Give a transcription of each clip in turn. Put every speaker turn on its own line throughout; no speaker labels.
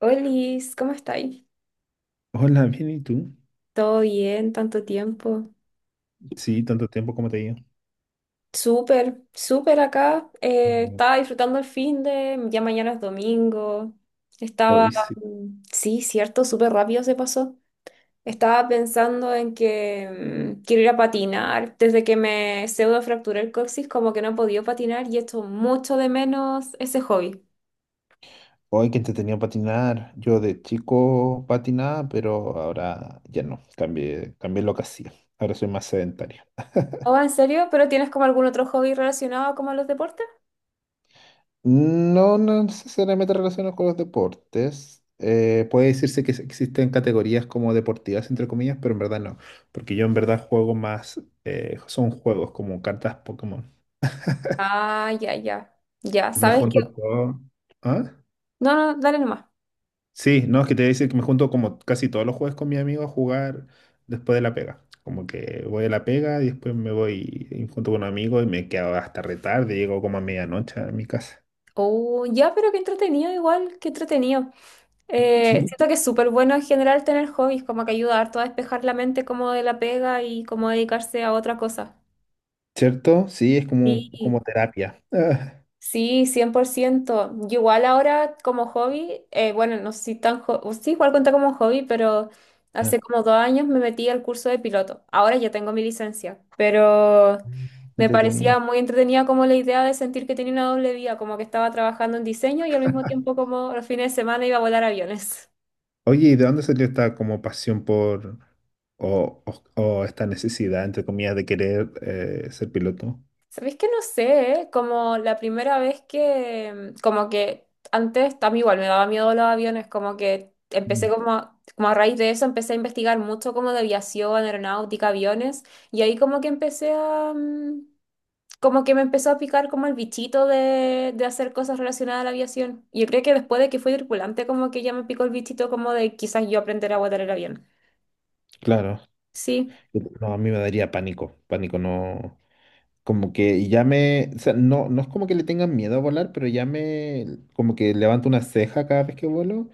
Olis, ¿cómo estáis?
Hola, bien, ¿y tú?
¿Todo bien? ¿Tanto tiempo?
Sí, tanto tiempo como te digo.
Súper, súper acá. eh,
Mm.
estaba disfrutando el fin de, ya mañana es domingo. Estaba,
Hoy sí.
mm, sí, cierto, súper rápido se pasó. Estaba pensando en que quiero ir a patinar. Desde que me pseudo fracturé el coxis, como que no he podido patinar y echo mucho de menos ese hobby.
Hoy que entretenido patinar. Yo de chico patinaba, pero ahora ya no. Cambié lo que hacía. Ahora soy más sedentario.
Oh, ¿en serio? ¿Pero tienes como algún otro hobby relacionado como a los deportes?
No, no necesariamente relacionado con los deportes. Puede decirse que existen categorías como deportivas, entre comillas, pero en verdad no. Porque yo en verdad juego más, son juegos como cartas Pokémon.
Ah, ya, ya. Ya,
Me
¿sabes qué?
junto todo. ¿Ah?
No, no, dale nomás.
Sí, no, es que te voy a decir que me junto como casi todos los jueves con mi amigo a jugar después de la pega. Como que voy a la pega y después me voy y junto con un amigo y me quedo hasta retarde, llego como a medianoche a mi casa.
Oh, ya, pero qué entretenido igual, qué entretenido.
Sí.
Siento que es súper bueno en general tener hobbies, como que ayuda harto a despejar la mente como de la pega y como dedicarse a otra cosa.
¿Cierto? Sí, es como, como
Sí,
terapia.
sí, 100%. Yo igual ahora como hobby, bueno, no sé si tan o sí, igual cuenta como hobby, pero
Ah,
hace como 2 años me metí al curso de piloto. Ahora ya tengo mi licencia, pero
ah,
me
entretenido.
parecía muy entretenida como la idea de sentir que tenía una doble vía, como que estaba trabajando en diseño y al mismo tiempo como los fines de semana iba a volar aviones.
Oye, ¿y de dónde salió esta como pasión por o esta necesidad, entre comillas, de querer ser piloto?
Sabéis que no sé, ¿eh? Como la primera vez que, como que antes también igual me daba miedo los aviones, como que empecé
Mm.
como a, como a raíz de eso empecé a investigar mucho como de aviación, aeronáutica, aviones, y ahí como que empecé a, como que me empezó a picar como el bichito de hacer cosas relacionadas a la aviación. Y yo creo que después de que fui tripulante, como que ya me picó el bichito como de quizás yo aprender a volar el avión.
Claro.
Sí.
No, a mí me daría pánico. Pánico no. Como que ya me, o sea, no, no es como que le tengan miedo a volar, pero ya me, como que levanto una ceja cada vez que vuelo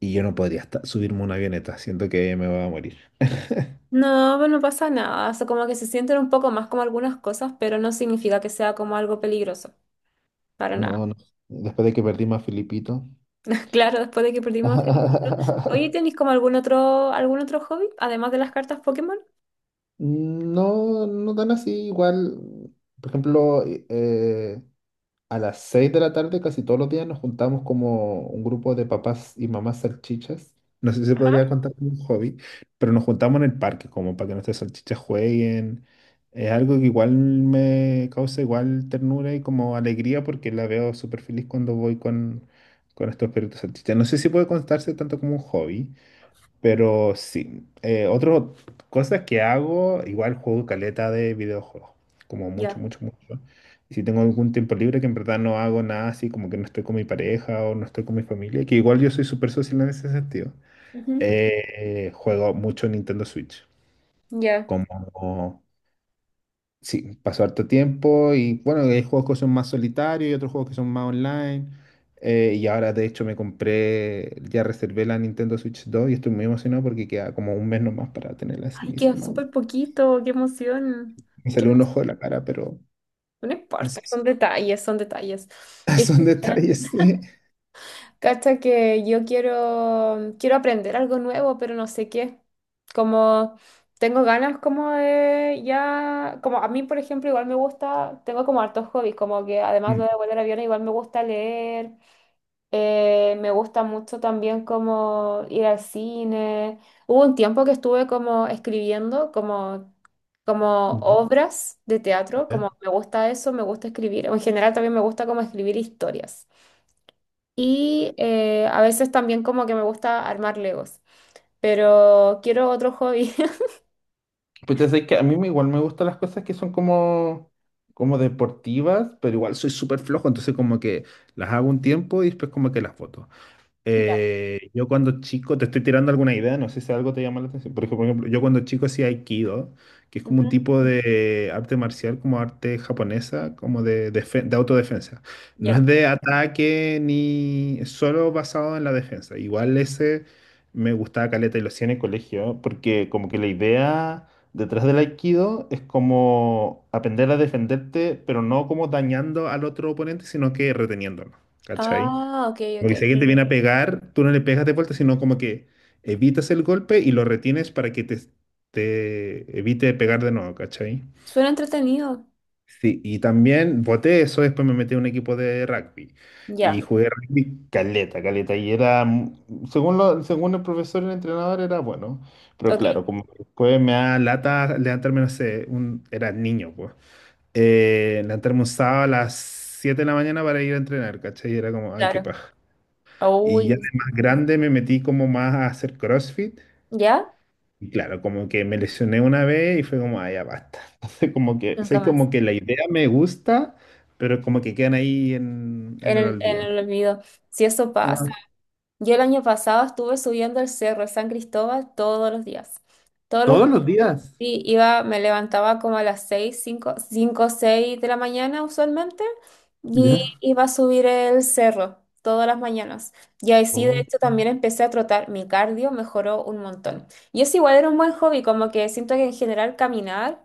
y yo no podría hasta subirme a una avioneta, siento que me voy a morir.
No, pues no pasa nada. O sea, como que se sienten un poco más como algunas cosas, pero no significa que sea como algo peligroso. Para
No,
nada.
no, después de que perdimos a Filipito.
Claro, después de que perdimos a Felipito. Oye, ¿tenéis como algún otro hobby? Además de las cartas Pokémon.
No, no tan así, igual, por ejemplo, eh, a las 6 de la tarde casi todos los días nos juntamos como un grupo de papás y mamás salchichas. No sé si se podría contar como un hobby, pero nos juntamos en el parque como para que nuestras salchichas jueguen. Es algo que igual me causa igual ternura y como alegría porque la veo súper feliz cuando voy con estos perritos salchichas. No sé si puede contarse tanto como un hobby, pero sí, otras cosas que hago, igual juego caleta de videojuegos, como
Ya.
mucho. Y si tengo algún tiempo libre, que en verdad no hago nada así, como que no estoy con mi pareja o no estoy con mi familia, que igual yo soy súper social en ese sentido,
Ujú,
juego mucho Nintendo Switch,
ya.
como. Sí, pasó harto tiempo y bueno, hay juegos que son más solitarios y otros juegos que son más online. Y ahora de hecho me compré, ya reservé la Nintendo Switch 2 y estoy muy emocionado porque queda como un mes nomás para tenerla así
Ay, queda
misma.
súper poquito. Qué emoción.
Me
Qué
salió un
emoción.
ojo de la cara, pero
No
así
importa.
son,
Son detalles, son detalles. Qué
son
genial.
detalles, sí.
Cacha que yo quiero aprender algo nuevo, pero no sé qué. Como tengo ganas como de ya, como a mí por ejemplo igual me gusta, tengo como hartos hobbies, como que además
Mm,
de volar aviones igual me gusta leer, me gusta mucho también como ir al cine. Hubo un tiempo que estuve como escribiendo como
ya,
obras de teatro,
ya.
como me gusta eso, me gusta escribir. En general también me gusta como escribir historias. Y a veces también como que me gusta armar Legos, pero quiero otro hobby.
Pues ya sabes que a mí me- igual me gustan las cosas que son como, como deportivas, pero igual soy súper flojo, entonces como que las hago un tiempo y después como que las boto.
Ya.
Yo cuando chico, te estoy tirando alguna idea, no sé si algo te llama la atención. Yo cuando chico hacía Aikido, que es como un
Ujú.
tipo de arte marcial, como arte japonesa, como de, de autodefensa. No
Ya,
es de ataque ni es solo basado en la defensa. Igual ese me gustaba caleta y lo hacía en el colegio, porque como que la idea detrás del Aikido es como aprender a defenderte, pero no como dañando al otro oponente, sino que reteniéndolo. ¿Cachai?
ah, ok,
Como
ok.
que si alguien te viene a pegar, tú no le pegas de vuelta, sino como que evitas el golpe y lo retienes para que te evite pegar de nuevo, ¿cachai?
Suena entretenido.
Sí, y también voté eso, después me metí a un equipo de rugby y
Ya,
jugué rugby caleta, y era, según, según el profesor y el entrenador, era bueno, pero
ok,
claro, como que después me da lata levantarme, no sé, un, era niño, pues, levantarme un sábado a las 7 de la mañana para ir a entrenar, ¿cachai? Y era como, ay, qué
claro.
paja. Y ya de
Uy, sí.
más grande me metí como más a hacer CrossFit.
¿Ya?
Y claro, como que me lesioné una vez y fue como, ah, ya basta. Entonces, como que,
Nunca
sé
más.
como que la idea me gusta, pero como que quedan ahí en
En
el
el, en
olvido.
el olvido. Si eso pasa.
Ah,
Yo el año pasado estuve subiendo el cerro de San Cristóbal todos los días. Todos los
todos los días.
Sí, iba, me levantaba como a las 6 5 5 6 de la mañana usualmente y
Ya.
iba a subir el cerro todas las mañanas. Y ahí sí, de
Oh,
hecho, también empecé a trotar. Mi cardio mejoró un montón. Y es igual, era un buen hobby, como que siento que en general caminar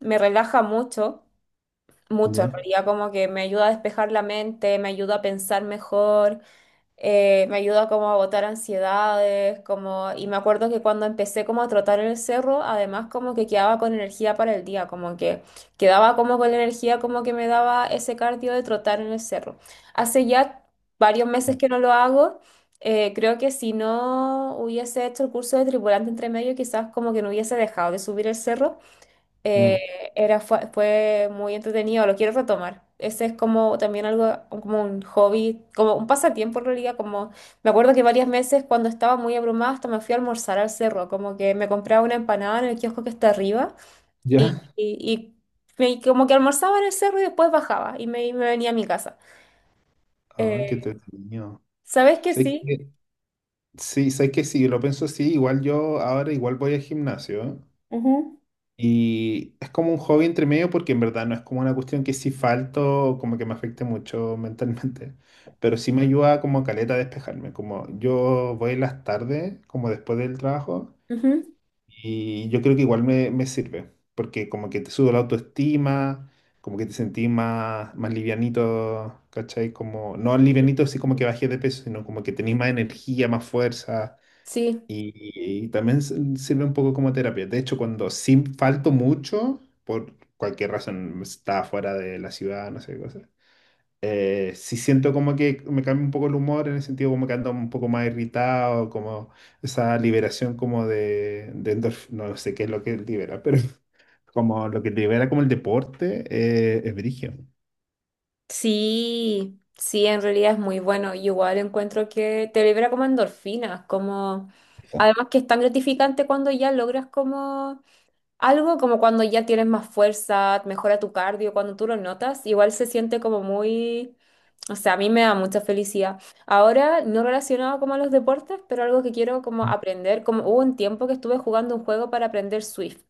me relaja mucho, mucho en
ya,
realidad, como que me ayuda a despejar la mente, me ayuda a pensar mejor, me ayuda como a botar ansiedades, como, y me acuerdo que cuando empecé como a trotar en el cerro, además como que quedaba con energía para el día, como que quedaba como con la energía como que me daba ese cardio de trotar en el cerro. Hace ya varios meses
claro.
que no lo hago, creo que si no hubiese hecho el curso de tripulante entre medio, quizás como que no hubiese dejado de subir el cerro,
Mm.
eh, era, fue muy entretenido, lo quiero retomar. Ese es como también algo, como un hobby, como un pasatiempo en realidad, como me acuerdo que varias veces cuando estaba muy abrumada hasta me fui a almorzar al cerro, como que me compraba una empanada en el kiosco que está arriba y,
Ya.
y, y y como que almorzaba en el cerro y después bajaba y me venía a mi casa.
Ah, qué
Eh,
entretenido.
¿Sabes que
Sé
sí?
que, sí, sé que si lo pienso así, igual yo ahora igual voy al gimnasio, ¿eh?
Ujú.
Y es como un hobby entre medio porque en verdad no es como una cuestión que si falto como que me afecte mucho mentalmente, pero sí me ayuda como caleta a despejarme, como yo voy en las tardes, como después del trabajo,
Ujú.
y yo creo que igual me, me sirve, porque como que te sube la autoestima, como que te sentís más, más livianito, ¿cachai? Como, no livianito así como que bajé de peso, sino como que tenés más energía, más fuerza
Sí,
y también sirve un poco como terapia. De hecho, cuando sí falto mucho, por cualquier razón, está fuera de la ciudad, no sé qué cosa, sí siento como que me cambia un poco el humor, en el sentido como que ando un poco más irritado, como esa liberación como de no sé qué es lo que libera, pero como lo que libera como el deporte, es brigio.
Sí, sí, en realidad es muy bueno. Y igual encuentro que te libera como endorfinas, como
Eso.
además que es tan gratificante cuando ya logras como algo, como cuando ya tienes más fuerza, mejora tu cardio, cuando tú lo notas, igual se siente como muy, o sea, a mí me da mucha felicidad. Ahora, no relacionado como a los deportes, pero algo que quiero como aprender, como hubo un tiempo que estuve jugando un juego para aprender Swift,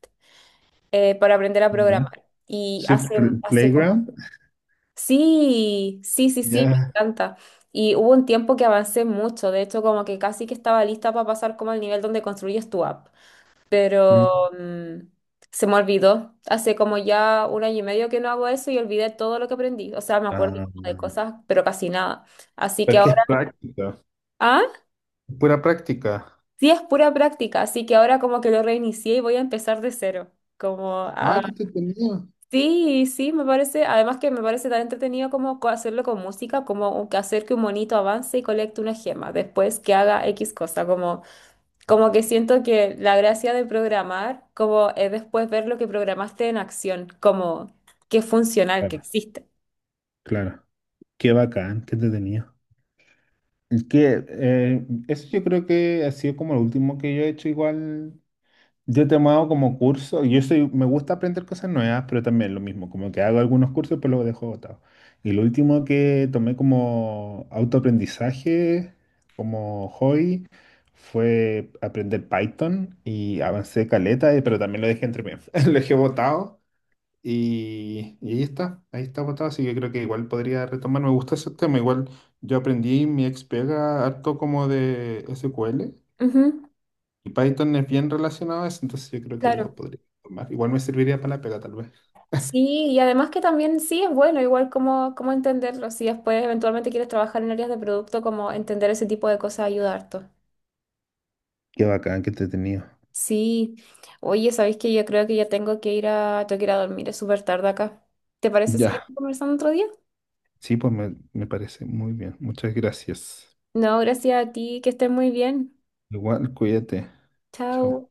para aprender a
Ya.
programar. Y
Swift
hace, hace como
Playground.
Sí, sí, sí, sí, me
Ya.
encanta. Y hubo un tiempo que avancé mucho, de hecho como que casi que estaba lista para pasar como al nivel donde construyes tu app,
Mm.
pero mm, se me olvidó. Hace como ya un año y medio que no hago eso y olvidé todo lo que aprendí. O sea, me acuerdo
Ah,
como de cosas, pero casi nada. Así
pero
que
es que
ahora,
es práctico.
ah,
Pura práctica.
sí es pura práctica, así que ahora como que lo reinicié y voy a empezar de cero, como
Ah,
a
qué te tenía.
Sí, sí, me parece, además que me parece tan entretenido como hacerlo con música, como que hacer que un monito avance y colecte una gema, después que haga X cosa, como, como que siento que la gracia de programar como es después ver lo que programaste en acción, como que es funcional, que
Claro,
existe.
claro. Qué bacán, qué entretenido. Y que, eso yo creo que ha sido como lo último que yo he hecho igual. Yo he tomado como curso, yo soy, me gusta aprender cosas nuevas, pero también lo mismo, como que hago algunos cursos, pero los dejo botados. Y lo último que tomé como autoaprendizaje, como hobby, fue aprender Python y avancé caleta, pero también lo dejé entre medio, lo dejé botado. Y ahí está botado, así que creo que igual podría retomar. Me gusta ese tema, igual yo aprendí mi ex pega harto como de SQL
Ujú,
y Python es bien relacionado a eso, entonces yo creo que lo
claro.
podría tomar. Igual me serviría para la pega, tal vez.
Sí, y además que también sí es bueno, igual como, como entenderlo, si después eventualmente quieres trabajar en áreas de producto, como entender ese tipo de cosas ayuda harto.
Qué bacán, qué entretenido.
Sí, oye, ¿sabéis que yo creo que ya tengo que ir a dormir, es súper tarde acá. ¿Te parece seguir
Ya,
conversando otro día?
sí, pues me parece muy bien. Muchas gracias.
No, gracias a ti, que estés muy bien.
Igual, cuídate. Chao.
Chao.